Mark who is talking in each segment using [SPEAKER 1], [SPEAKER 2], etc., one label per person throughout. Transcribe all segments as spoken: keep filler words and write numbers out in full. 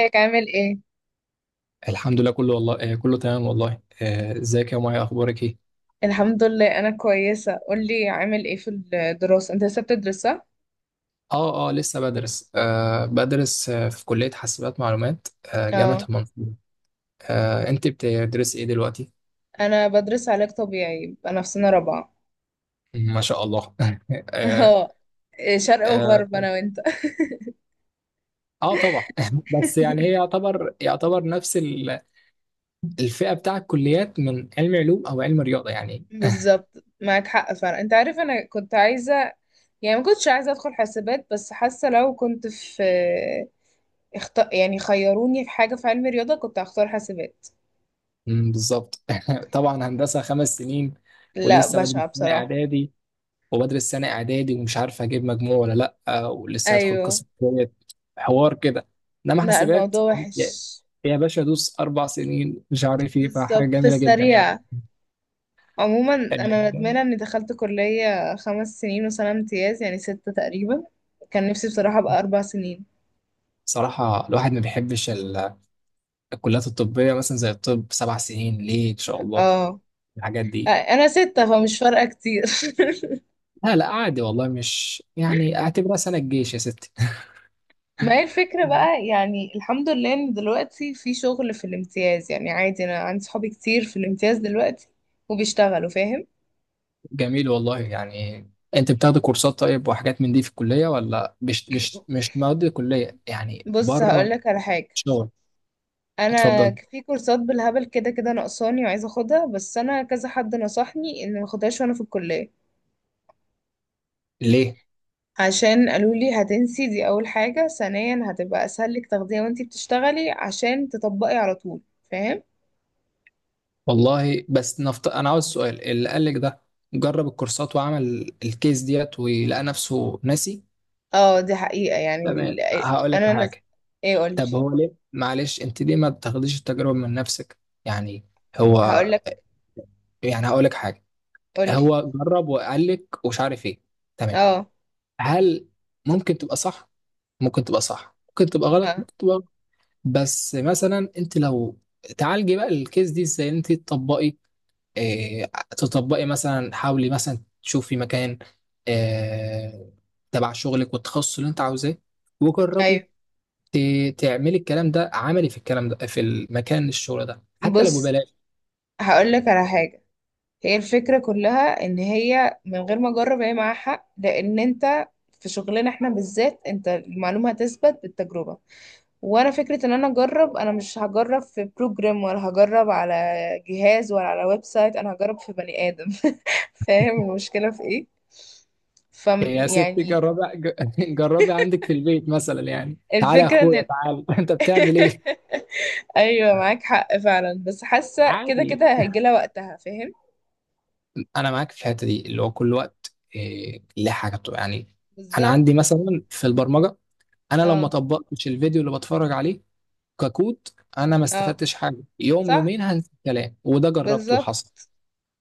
[SPEAKER 1] ازيك؟ عامل ايه؟
[SPEAKER 2] الحمد لله كله والله آه كله تمام والله آه، ازيك يا مايا اخبارك ايه.
[SPEAKER 1] الحمد لله، انا كويسة. قولي، عامل ايه في الدراسة؟ انت لسه بتدرس صح؟
[SPEAKER 2] اه اه لسه بدرس آه بدرس آه في كلية حاسبات معلومات. آه جامعة
[SPEAKER 1] اه،
[SPEAKER 2] المنصورة. آه انت بتدرسي ايه دلوقتي؟
[SPEAKER 1] انا بدرس علاج طبيعي. انا في سنة رابعة.
[SPEAKER 2] ما شاء الله. آه,
[SPEAKER 1] اه. إيه، شرق وغرب
[SPEAKER 2] آه,
[SPEAKER 1] انا وانت.
[SPEAKER 2] اه طبعا. بس يعني هي يعتبر يعتبر نفس ال- الفئة بتاع الكليات من علم علوم او علم رياضة يعني.
[SPEAKER 1] بالظبط، معاك حق فعلا. انت عارف، انا كنت عايزة، يعني ما كنتش عايزة ادخل حاسبات، بس حاسة لو كنت في اخت... يعني، خيروني في حاجة في علم رياضة، كنت هختار حاسبات.
[SPEAKER 2] مم، بالظبط. طبعا هندسة خمس سنين
[SPEAKER 1] لا،
[SPEAKER 2] ولسه بدرس
[SPEAKER 1] بشعة
[SPEAKER 2] سنة
[SPEAKER 1] بصراحة.
[SPEAKER 2] اعدادي. وبدرس سنة إعدادي ومش عارف أجيب مجموع ولا لأ، ولسه هدخل
[SPEAKER 1] ايوه.
[SPEAKER 2] قسم جديد، حوار كده. إنما
[SPEAKER 1] لا،
[SPEAKER 2] حاسبات،
[SPEAKER 1] الموضوع
[SPEAKER 2] يا
[SPEAKER 1] وحش.
[SPEAKER 2] يا باشا دوس أربع سنين مش عارف إيه، فحاجة
[SPEAKER 1] بالظبط، في
[SPEAKER 2] جميلة جدا
[SPEAKER 1] السريع.
[SPEAKER 2] يعني.
[SPEAKER 1] عموما، انا
[SPEAKER 2] ال-
[SPEAKER 1] ندمانه اني دخلت كليه خمس سنين وسنه امتياز، يعني ستة تقريبا. كان نفسي بصراحه ابقى اربع سنين.
[SPEAKER 2] صراحة الواحد ما بيحبش ال- الكليات الطبية مثلا زي الطب سبع سنين ليه إن شاء الله
[SPEAKER 1] اه.
[SPEAKER 2] الحاجات دي.
[SPEAKER 1] انا ستة، فمش فارقه كتير.
[SPEAKER 2] لا لا عادي والله، مش يعني اعتبرها سنة الجيش يا ستي.
[SPEAKER 1] ما هي الفكره بقى، يعني الحمد لله ان دلوقتي في شغل في الامتياز. يعني عادي، انا عندي صحابي كتير في الامتياز دلوقتي وبيشتغلوا. فاهم.
[SPEAKER 2] جميل والله يعني. انت بتاخد كورسات طيب وحاجات من دي في الكلية ولا مش مش مش مواد الكلية يعني،
[SPEAKER 1] بص،
[SPEAKER 2] بره
[SPEAKER 1] هقولك على حاجه.
[SPEAKER 2] شغل؟
[SPEAKER 1] انا
[SPEAKER 2] اتفضل.
[SPEAKER 1] في كورسات بالهبل، كده كده ناقصاني وعايزه اخدها، بس انا كذا حد نصحني ان ما اخدهاش وانا في الكليه.
[SPEAKER 2] ليه؟
[SPEAKER 1] عشان قالوا لي هتنسي، دي اول حاجة. ثانيا، هتبقى اسهل لك تاخديها وانتي بتشتغلي عشان تطبقي على طول. فاهم؟
[SPEAKER 2] والله بس نفط... انا عاوز سؤال اللي قال لك ده، جرب الكورسات وعمل الكيس ديت ولقى نفسه ناسي؟
[SPEAKER 1] اه، دي حقيقة يعني ال-
[SPEAKER 2] تمام هقول لك
[SPEAKER 1] انا نز...
[SPEAKER 2] حاجة.
[SPEAKER 1] ايه، قولي.
[SPEAKER 2] طب هو ليه، معلش، انت ليه ما بتاخديش التجربة من نفسك يعني؟ هو
[SPEAKER 1] هقولك.
[SPEAKER 2] يعني هقول لك حاجة.
[SPEAKER 1] قولي.
[SPEAKER 2] هو جرب وقال لك ومش عارف ايه، تمام.
[SPEAKER 1] اه.
[SPEAKER 2] هل ممكن تبقى صح؟ ممكن تبقى صح ممكن تبقى غلط،
[SPEAKER 1] اه.
[SPEAKER 2] ممكن تبقى غلط. بس مثلا انت لو تعالجي بقى الكيس دي ازاي انت تطبقي، اه، تطبقي مثلا، حاولي مثلا تشوفي مكان، اه، تبع شغلك والتخصص اللي انت عاوزاه، وجربي،
[SPEAKER 1] ايوه.
[SPEAKER 2] ت- تعملي الكلام ده عملي، في الكلام ده في المكان الشغل ده حتى لو
[SPEAKER 1] بص،
[SPEAKER 2] ببلاش.
[SPEAKER 1] هقولك على حاجة. هي الفكرة كلها ان هي من غير ما اجرب، هي معاها حق، لان انت، في شغلنا احنا بالذات، انت المعلومة هتثبت بالتجربة. وانا فكرة ان انا اجرب، انا مش هجرب في بروجرام ولا هجرب على جهاز ولا على ويب سايت، انا هجرب في بني ادم. فاهم المشكلة في ايه؟ ف
[SPEAKER 2] يا ستي
[SPEAKER 1] يعني
[SPEAKER 2] جربي. ج- جربي عندك في البيت مثلا يعني، تعالى يا
[SPEAKER 1] الفكرة ان،
[SPEAKER 2] اخويا تعالى، انت بتعمل ايه؟
[SPEAKER 1] ايوه معاك حق فعلا، بس حاسة كده
[SPEAKER 2] عادي،
[SPEAKER 1] كده هيجي لها وقتها. فاهم؟
[SPEAKER 2] انا معاك في الحته دي، اللي هو كل وقت إيه ليه حاجه بتبقى يعني. انا
[SPEAKER 1] بالظبط.
[SPEAKER 2] عندي مثلا في البرمجه، انا لو ما
[SPEAKER 1] اه.
[SPEAKER 2] طبقتش الفيديو اللي بتفرج عليه ككود انا ما
[SPEAKER 1] اه.
[SPEAKER 2] استفدتش حاجه. يوم
[SPEAKER 1] صح.
[SPEAKER 2] يومين هنسى الكلام، وده جربته
[SPEAKER 1] بالظبط.
[SPEAKER 2] وحصل.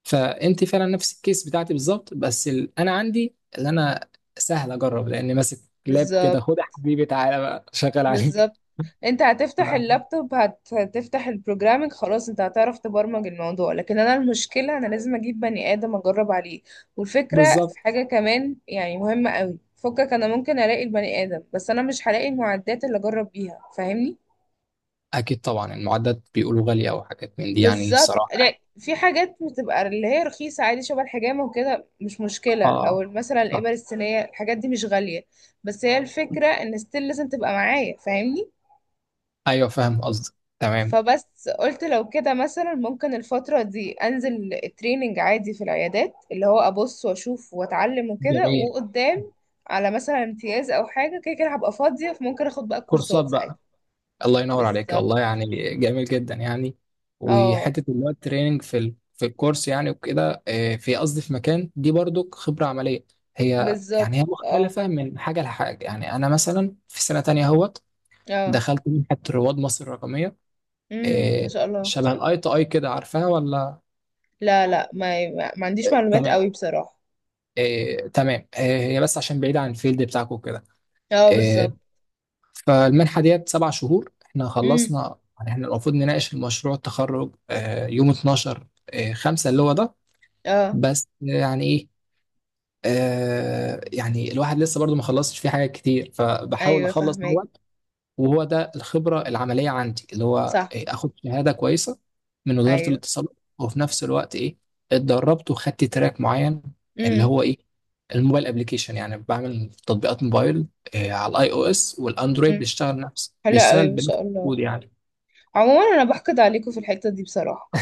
[SPEAKER 2] فانت فعلا نفس الكيس بتاعتي بالظبط، بس ال... انا عندي، اللي انا سهل اجرب لان ماسك لاب كده،
[SPEAKER 1] بالظبط.
[SPEAKER 2] خد يا حبيبي تعالى بقى شغال عليك.
[SPEAKER 1] بالظبط، انت
[SPEAKER 2] ف-
[SPEAKER 1] هتفتح اللابتوب، هت- هتفتح البروجرامنج، خلاص انت هتعرف تبرمج الموضوع. لكن انا المشكلة، انا لازم اجيب بني ادم اجرب عليه. والفكرة
[SPEAKER 2] بالظبط.
[SPEAKER 1] في حاجة كمان يعني مهمة قوي، فكك انا ممكن الاقي البني ادم، بس انا مش هلاقي المعدات اللي اجرب بيها. فاهمني؟
[SPEAKER 2] اكيد طبعا المعدات بيقولوا غاليه او حاجات من دي يعني،
[SPEAKER 1] بالظبط.
[SPEAKER 2] الصراحه
[SPEAKER 1] لا،
[SPEAKER 2] يعني.
[SPEAKER 1] في حاجات بتبقى اللي هي رخيصة عادي، شبه الحجامة وكده، مش مشكلة. او
[SPEAKER 2] اه
[SPEAKER 1] مثلا الإبر
[SPEAKER 2] صح.
[SPEAKER 1] الصينية، الحاجات دي مش غالية. بس هي الفكرة ان ستيل لازم تبقى معايا. فاهمني؟
[SPEAKER 2] ايوه فاهم قصدك تمام.
[SPEAKER 1] فبس قلت لو كده مثلا، ممكن الفترة دي انزل تريننج عادي في العيادات، اللي هو ابص واشوف واتعلم وكده.
[SPEAKER 2] جميل،
[SPEAKER 1] وقدام، على مثلا امتياز او حاجة، كده كده هبقى فاضية، فممكن اخد بقى
[SPEAKER 2] كورسات
[SPEAKER 1] الكورسات ساعتها.
[SPEAKER 2] بقى. الله ينور عليك
[SPEAKER 1] بالظبط.
[SPEAKER 2] والله يعني، جميل جدا يعني.
[SPEAKER 1] اه.
[SPEAKER 2] وحته اللي هو التريننج في ال... في الكورس يعني وكده، آه، في قصدي في مكان دي برضو خبره عمليه. هي يعني
[SPEAKER 1] بالظبط.
[SPEAKER 2] هي
[SPEAKER 1] اه.
[SPEAKER 2] مختلفه من حاجه لحاجه يعني. انا مثلا في سنه تانية اهوت
[SPEAKER 1] اه.
[SPEAKER 2] دخلت منحه رواد مصر الرقميه.
[SPEAKER 1] امم ما
[SPEAKER 2] آه،
[SPEAKER 1] شاء الله.
[SPEAKER 2] شبه الاي تو اي كده، عارفاها ولا؟
[SPEAKER 1] لا لا، ما, ما ما عنديش معلومات
[SPEAKER 2] تمام.
[SPEAKER 1] قوي بصراحة.
[SPEAKER 2] آه، تمام، آه، هي بس عشان بعيده عن الفيلد بتاعكم كده.
[SPEAKER 1] اه، بالظبط.
[SPEAKER 2] فالمنحة ديت سبع شهور، احنا
[SPEAKER 1] امم.
[SPEAKER 2] خلصنا يعني، احنا المفروض نناقش المشروع التخرج آه، يوم اثناشر آه، خمسة، اللي هو ده.
[SPEAKER 1] اه.
[SPEAKER 2] بس يعني ايه، آه، يعني الواحد لسه برضو ما خلصش فيه حاجات كتير، فبحاول
[SPEAKER 1] ايوه
[SPEAKER 2] اخلص
[SPEAKER 1] فاهمك.
[SPEAKER 2] هو. وهو ده الخبرة العملية عندي، اللي هو
[SPEAKER 1] صح.
[SPEAKER 2] إيه، اخد شهادة كويسة من وزارة
[SPEAKER 1] ايوه.
[SPEAKER 2] الاتصالات، وفي نفس الوقت ايه، اتدربت وخدت تراك معين اللي
[SPEAKER 1] امم.
[SPEAKER 2] هو ايه، الموبايل ابلكيشن، يعني بعمل تطبيقات موبايل إيه، على الاي او اس والاندرويد،
[SPEAKER 1] امم.
[SPEAKER 2] بيشتغل نفس
[SPEAKER 1] حلو قوي،
[SPEAKER 2] بيشتغل
[SPEAKER 1] ما
[SPEAKER 2] بنفس
[SPEAKER 1] شاء الله.
[SPEAKER 2] الكود يعني.
[SPEAKER 1] عموما، انا بحقد عليكم في الحتة دي بصراحة.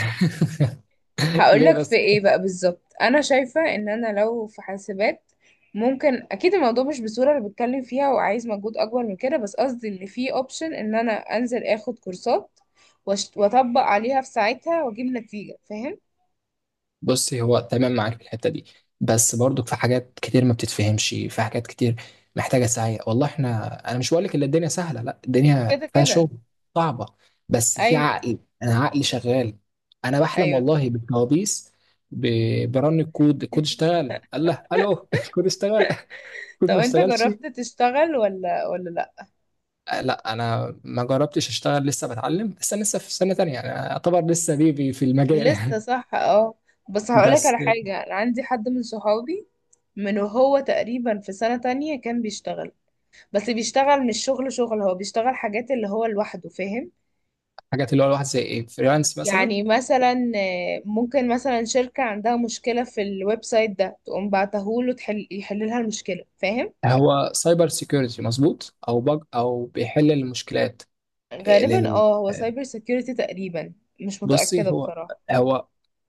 [SPEAKER 2] ليه
[SPEAKER 1] هقولك في
[SPEAKER 2] بس؟
[SPEAKER 1] ايه بقى. بالظبط، انا شايفة ان انا لو في حاسبات، ممكن اكيد الموضوع مش بالصورة اللي بتكلم فيها وعايز مجهود اكبر من كده، بس قصدي ان في اوبشن ان انا انزل اخد كورسات وأشت- واطبق عليها في ساعتها واجيب نتيجة. فاهم؟
[SPEAKER 2] بصي هو تمام معاك في الحته دي، بس برضك في حاجات كتير ما بتتفهمش، في حاجات كتير محتاجه سعي والله. احنا، انا مش بقول لك ان الدنيا سهله، لا
[SPEAKER 1] كده
[SPEAKER 2] الدنيا فيها
[SPEAKER 1] كده.
[SPEAKER 2] شغل صعبه، بس في
[SPEAKER 1] ايوه.
[SPEAKER 2] عقل، انا عقلي شغال. انا بحلم
[SPEAKER 1] ايوه.
[SPEAKER 2] والله بالكوابيس، ب- برن الكود، الكود اشتغل قال له الو. الكود اشتغل، الكود
[SPEAKER 1] طب
[SPEAKER 2] ما
[SPEAKER 1] انت
[SPEAKER 2] اشتغلش.
[SPEAKER 1] جربت تشتغل ولا ولا لا؟
[SPEAKER 2] آه، لا انا ما جربتش اشتغل، لسه بتعلم، بس انا لسه في سنه تانية، انا اعتبر لسه بيبي في المجال
[SPEAKER 1] لسه،
[SPEAKER 2] يعني.
[SPEAKER 1] صح اه. بس هقولك
[SPEAKER 2] بس
[SPEAKER 1] على حاجة. انا عندي حد من صحابي من، وهو تقريبا في سنة تانية كان بيشتغل. بس بيشتغل مش شغل شغل، هو بيشتغل حاجات اللي هو لوحده. فاهم؟
[SPEAKER 2] حاجات اللي هو الواحد زي ايه، فريلانس مثلا؟
[SPEAKER 1] يعني مثلا، آه، ممكن مثلا شركة عندها مشكلة في الويب سايت ده، تقوم بعتهوله تحل يحل لها المشكلة. فاهم؟
[SPEAKER 2] هو سايبر سيكيورتي مظبوط، او بج او بيحل المشكلات؟ آه،
[SPEAKER 1] غالبا
[SPEAKER 2] لل
[SPEAKER 1] اه، هو سايبر سيكيورتي تقريبا. مش
[SPEAKER 2] بصي
[SPEAKER 1] متأكدة
[SPEAKER 2] هو
[SPEAKER 1] بصراحة.
[SPEAKER 2] هو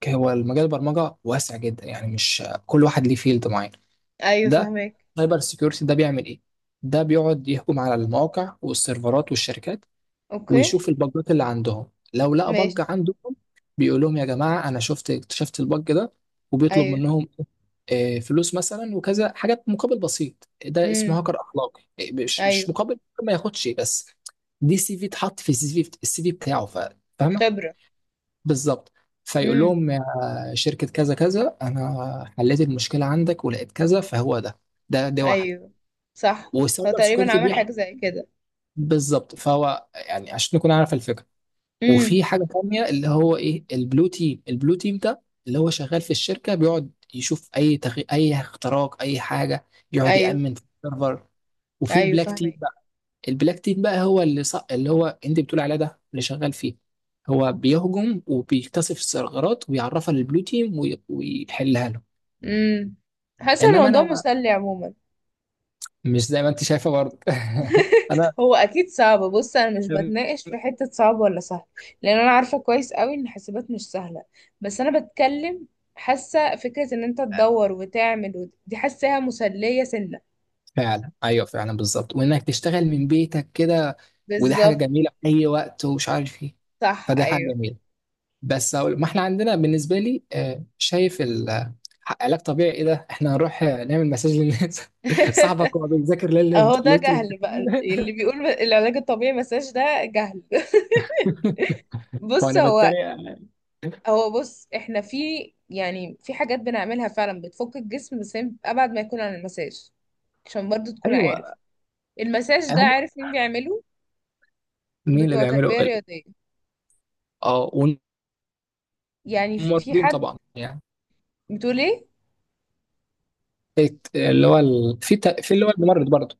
[SPEAKER 2] هو المجال البرمجه واسع جدا يعني، مش كل واحد ليه فيلد معين.
[SPEAKER 1] ايوه
[SPEAKER 2] ده
[SPEAKER 1] فاهمك.
[SPEAKER 2] سايبر سيكيورتي ده بيعمل ايه؟ ده بيقعد يهجم على المواقع والسيرفرات والشركات ويشوف
[SPEAKER 1] اوكي.
[SPEAKER 2] البجات اللي عندهم، لو لقى بج
[SPEAKER 1] ماشي.
[SPEAKER 2] عندهم بيقول لهم يا جماعة أنا شفت، اكتشفت البج ده، وبيطلب
[SPEAKER 1] ايوه.
[SPEAKER 2] منهم آه، فلوس مثلا وكذا حاجات مقابل بسيط. ده اسمه
[SPEAKER 1] امم.
[SPEAKER 2] هاكر أخلاقي، آه، مش
[SPEAKER 1] ايوه.
[SPEAKER 2] مش مقابل ما ياخدش بس، دي سي في اتحط في السي في، السي في بتاعه، ف- فاهمة؟
[SPEAKER 1] خبرة.
[SPEAKER 2] بالظبط. فيقول
[SPEAKER 1] امم.
[SPEAKER 2] لهم يا شركة كذا كذا أنا حليت المشكلة عندك ولقيت كذا، فهو ده، ده دي واحدة.
[SPEAKER 1] ايوه. صح. هو
[SPEAKER 2] والسايبر
[SPEAKER 1] تقريبا
[SPEAKER 2] سيكيورتي
[SPEAKER 1] عمل
[SPEAKER 2] بيحكي
[SPEAKER 1] حاجة زي كده.
[SPEAKER 2] بالظبط، فهو يعني، عشان نكون عارف الفكرة.
[SPEAKER 1] امم.
[SPEAKER 2] وفي حاجه تانية اللي هو ايه، البلو تيم. البلو تيم ده اللي هو شغال في الشركه، بيقعد يشوف اي تغي... اي اختراق اي حاجه، يقعد
[SPEAKER 1] ايوه.
[SPEAKER 2] يامن في السيرفر. وفي
[SPEAKER 1] ايوه
[SPEAKER 2] البلاك تيم
[SPEAKER 1] فاهمك.
[SPEAKER 2] بقى، البلاك تيم بقى هو اللي ص... اللي هو انت بتقول عليه، ده اللي شغال فيه، هو بيهجم وبيكتشف الثغرات ويعرفها للبلو تيم وي... ويحلها له.
[SPEAKER 1] امم. حاسة
[SPEAKER 2] انما
[SPEAKER 1] الموضوع
[SPEAKER 2] انا
[SPEAKER 1] مسلي عموما.
[SPEAKER 2] مش زي ما انت شايفه برضه. انا
[SPEAKER 1] هو اكيد صعب. بص، انا مش بتناقش في حته صعب ولا سهل، لان انا عارفه كويس قوي ان حاسبات مش سهله. بس انا بتكلم، حاسه فكره ان انت تدور وتعمل وت- دي حاساها مسليه سنه.
[SPEAKER 2] فعلا، ايوه فعلا بالظبط، وانك تشتغل من بيتك كده وده حاجه
[SPEAKER 1] بالظبط.
[SPEAKER 2] جميله في اي وقت ومش عارف ايه،
[SPEAKER 1] صح
[SPEAKER 2] فده حاجه
[SPEAKER 1] ايوه.
[SPEAKER 2] جميله. بس أقول، ما احنا عندنا بالنسبه لي آه، شايف ال- آه، علاج طبيعي ايه ده، احنا هنروح آه، نعمل مساج للناس؟ صاحبك هو بيذاكر ليله
[SPEAKER 1] اهو ده
[SPEAKER 2] ليله
[SPEAKER 1] جهل بقى،
[SPEAKER 2] الامتحان.
[SPEAKER 1] اللي بيقول العلاج الطبيعي مساج ده جهل. بص
[SPEAKER 2] وانا
[SPEAKER 1] هو
[SPEAKER 2] بتريق.
[SPEAKER 1] هو بص احنا في، يعني في حاجات بنعملها فعلا بتفك الجسم، بس هي ابعد ما يكون عن المساج. عشان برضو تكون عارف،
[SPEAKER 2] ايوه.
[SPEAKER 1] المساج ده
[SPEAKER 2] هم،
[SPEAKER 1] عارف مين بيعمله؟
[SPEAKER 2] مين اللي
[SPEAKER 1] بتوع
[SPEAKER 2] بيعملوا؟
[SPEAKER 1] تربية رياضية.
[SPEAKER 2] اه،
[SPEAKER 1] يعني في
[SPEAKER 2] والممرضين
[SPEAKER 1] حد.
[SPEAKER 2] طبعا يعني،
[SPEAKER 1] بتقول ايه؟
[SPEAKER 2] الت- اللي هو ال... في ت... في اللي هو الممرض برضه،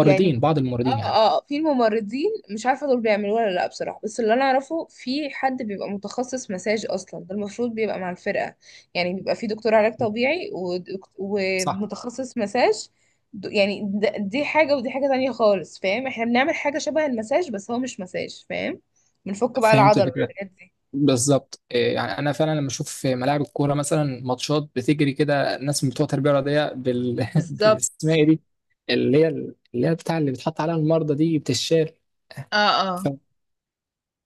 [SPEAKER 1] يعني
[SPEAKER 2] بعض الممرضين يعني.
[SPEAKER 1] اه. اه، في الممرضين مش عارفة دول بيعملوه ولا لا بصراحة. بس اللي انا اعرفه، في حد بيبقى متخصص مساج اصلا، ده المفروض بيبقى مع الفرقة. يعني بيبقى في دكتور علاج طبيعي ودك-
[SPEAKER 2] صح.
[SPEAKER 1] ومتخصص مساج. د- يعني د- دي حاجة ودي حاجة تانية خالص. فاهم؟ احنا بنعمل حاجة شبه المساج، بس هو مش مساج. فاهم؟ بنفك بقى
[SPEAKER 2] فهمت
[SPEAKER 1] العضل
[SPEAKER 2] الفكره،
[SPEAKER 1] والحاجات دي.
[SPEAKER 2] بالظبط. إيه، يعني انا فعلا لما اشوف في ملاعب الكوره مثلا، ماتشات بتجري كده، الناس من بتوع التربيه الرياضيه بال...
[SPEAKER 1] بالظبط.
[SPEAKER 2] بالاسماء دي، اللي هي اللي هي بتاع اللي بتحط عليها المرضى دي بتشال،
[SPEAKER 1] اه
[SPEAKER 2] ف...
[SPEAKER 1] اه،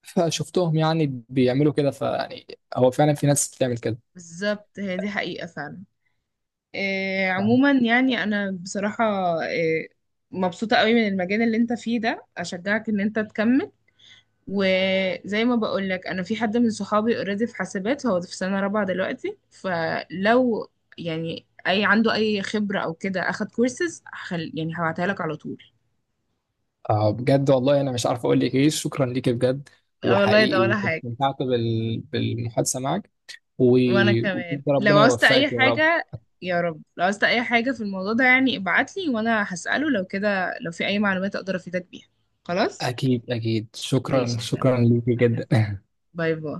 [SPEAKER 2] فشفتهم يعني بيعملوا كده، فيعني هو فعلا في ناس بتعمل كده.
[SPEAKER 1] بالظبط. هي دي حقيقة فعلا. آه، عموما، يعني انا بصراحة آه، مبسوطة قوي من المجال اللي انت فيه ده. اشجعك ان انت تكمل. وزي ما بقول لك، انا في حد من صحابي اوريدي في حاسبات، هو في سنة رابعة دلوقتي، فلو يعني اي عنده اي خبرة او كده، اخد كورسز، هخل... يعني هبعتها لك على طول.
[SPEAKER 2] آه بجد والله، انا مش عارف اقول لك ايه، شكرا ليك بجد،
[SPEAKER 1] آه، والله ده
[SPEAKER 2] وحقيقي
[SPEAKER 1] ولا حاجة.
[SPEAKER 2] استمتعت بال... بالمحادثه معك،
[SPEAKER 1] وانا كمان
[SPEAKER 2] وبجد
[SPEAKER 1] لو
[SPEAKER 2] ربنا
[SPEAKER 1] عوزت اي
[SPEAKER 2] يوفقك يا رب.
[SPEAKER 1] حاجة، يا رب لو عوزت اي حاجة في الموضوع ده، يعني ابعتلي وانا هسأله، لو كده لو في اي معلومات اقدر افيدك بيها. خلاص.
[SPEAKER 2] اكيد اكيد، شكرا
[SPEAKER 1] ماشي.
[SPEAKER 2] شكرا ليك جدا.
[SPEAKER 1] باي باي.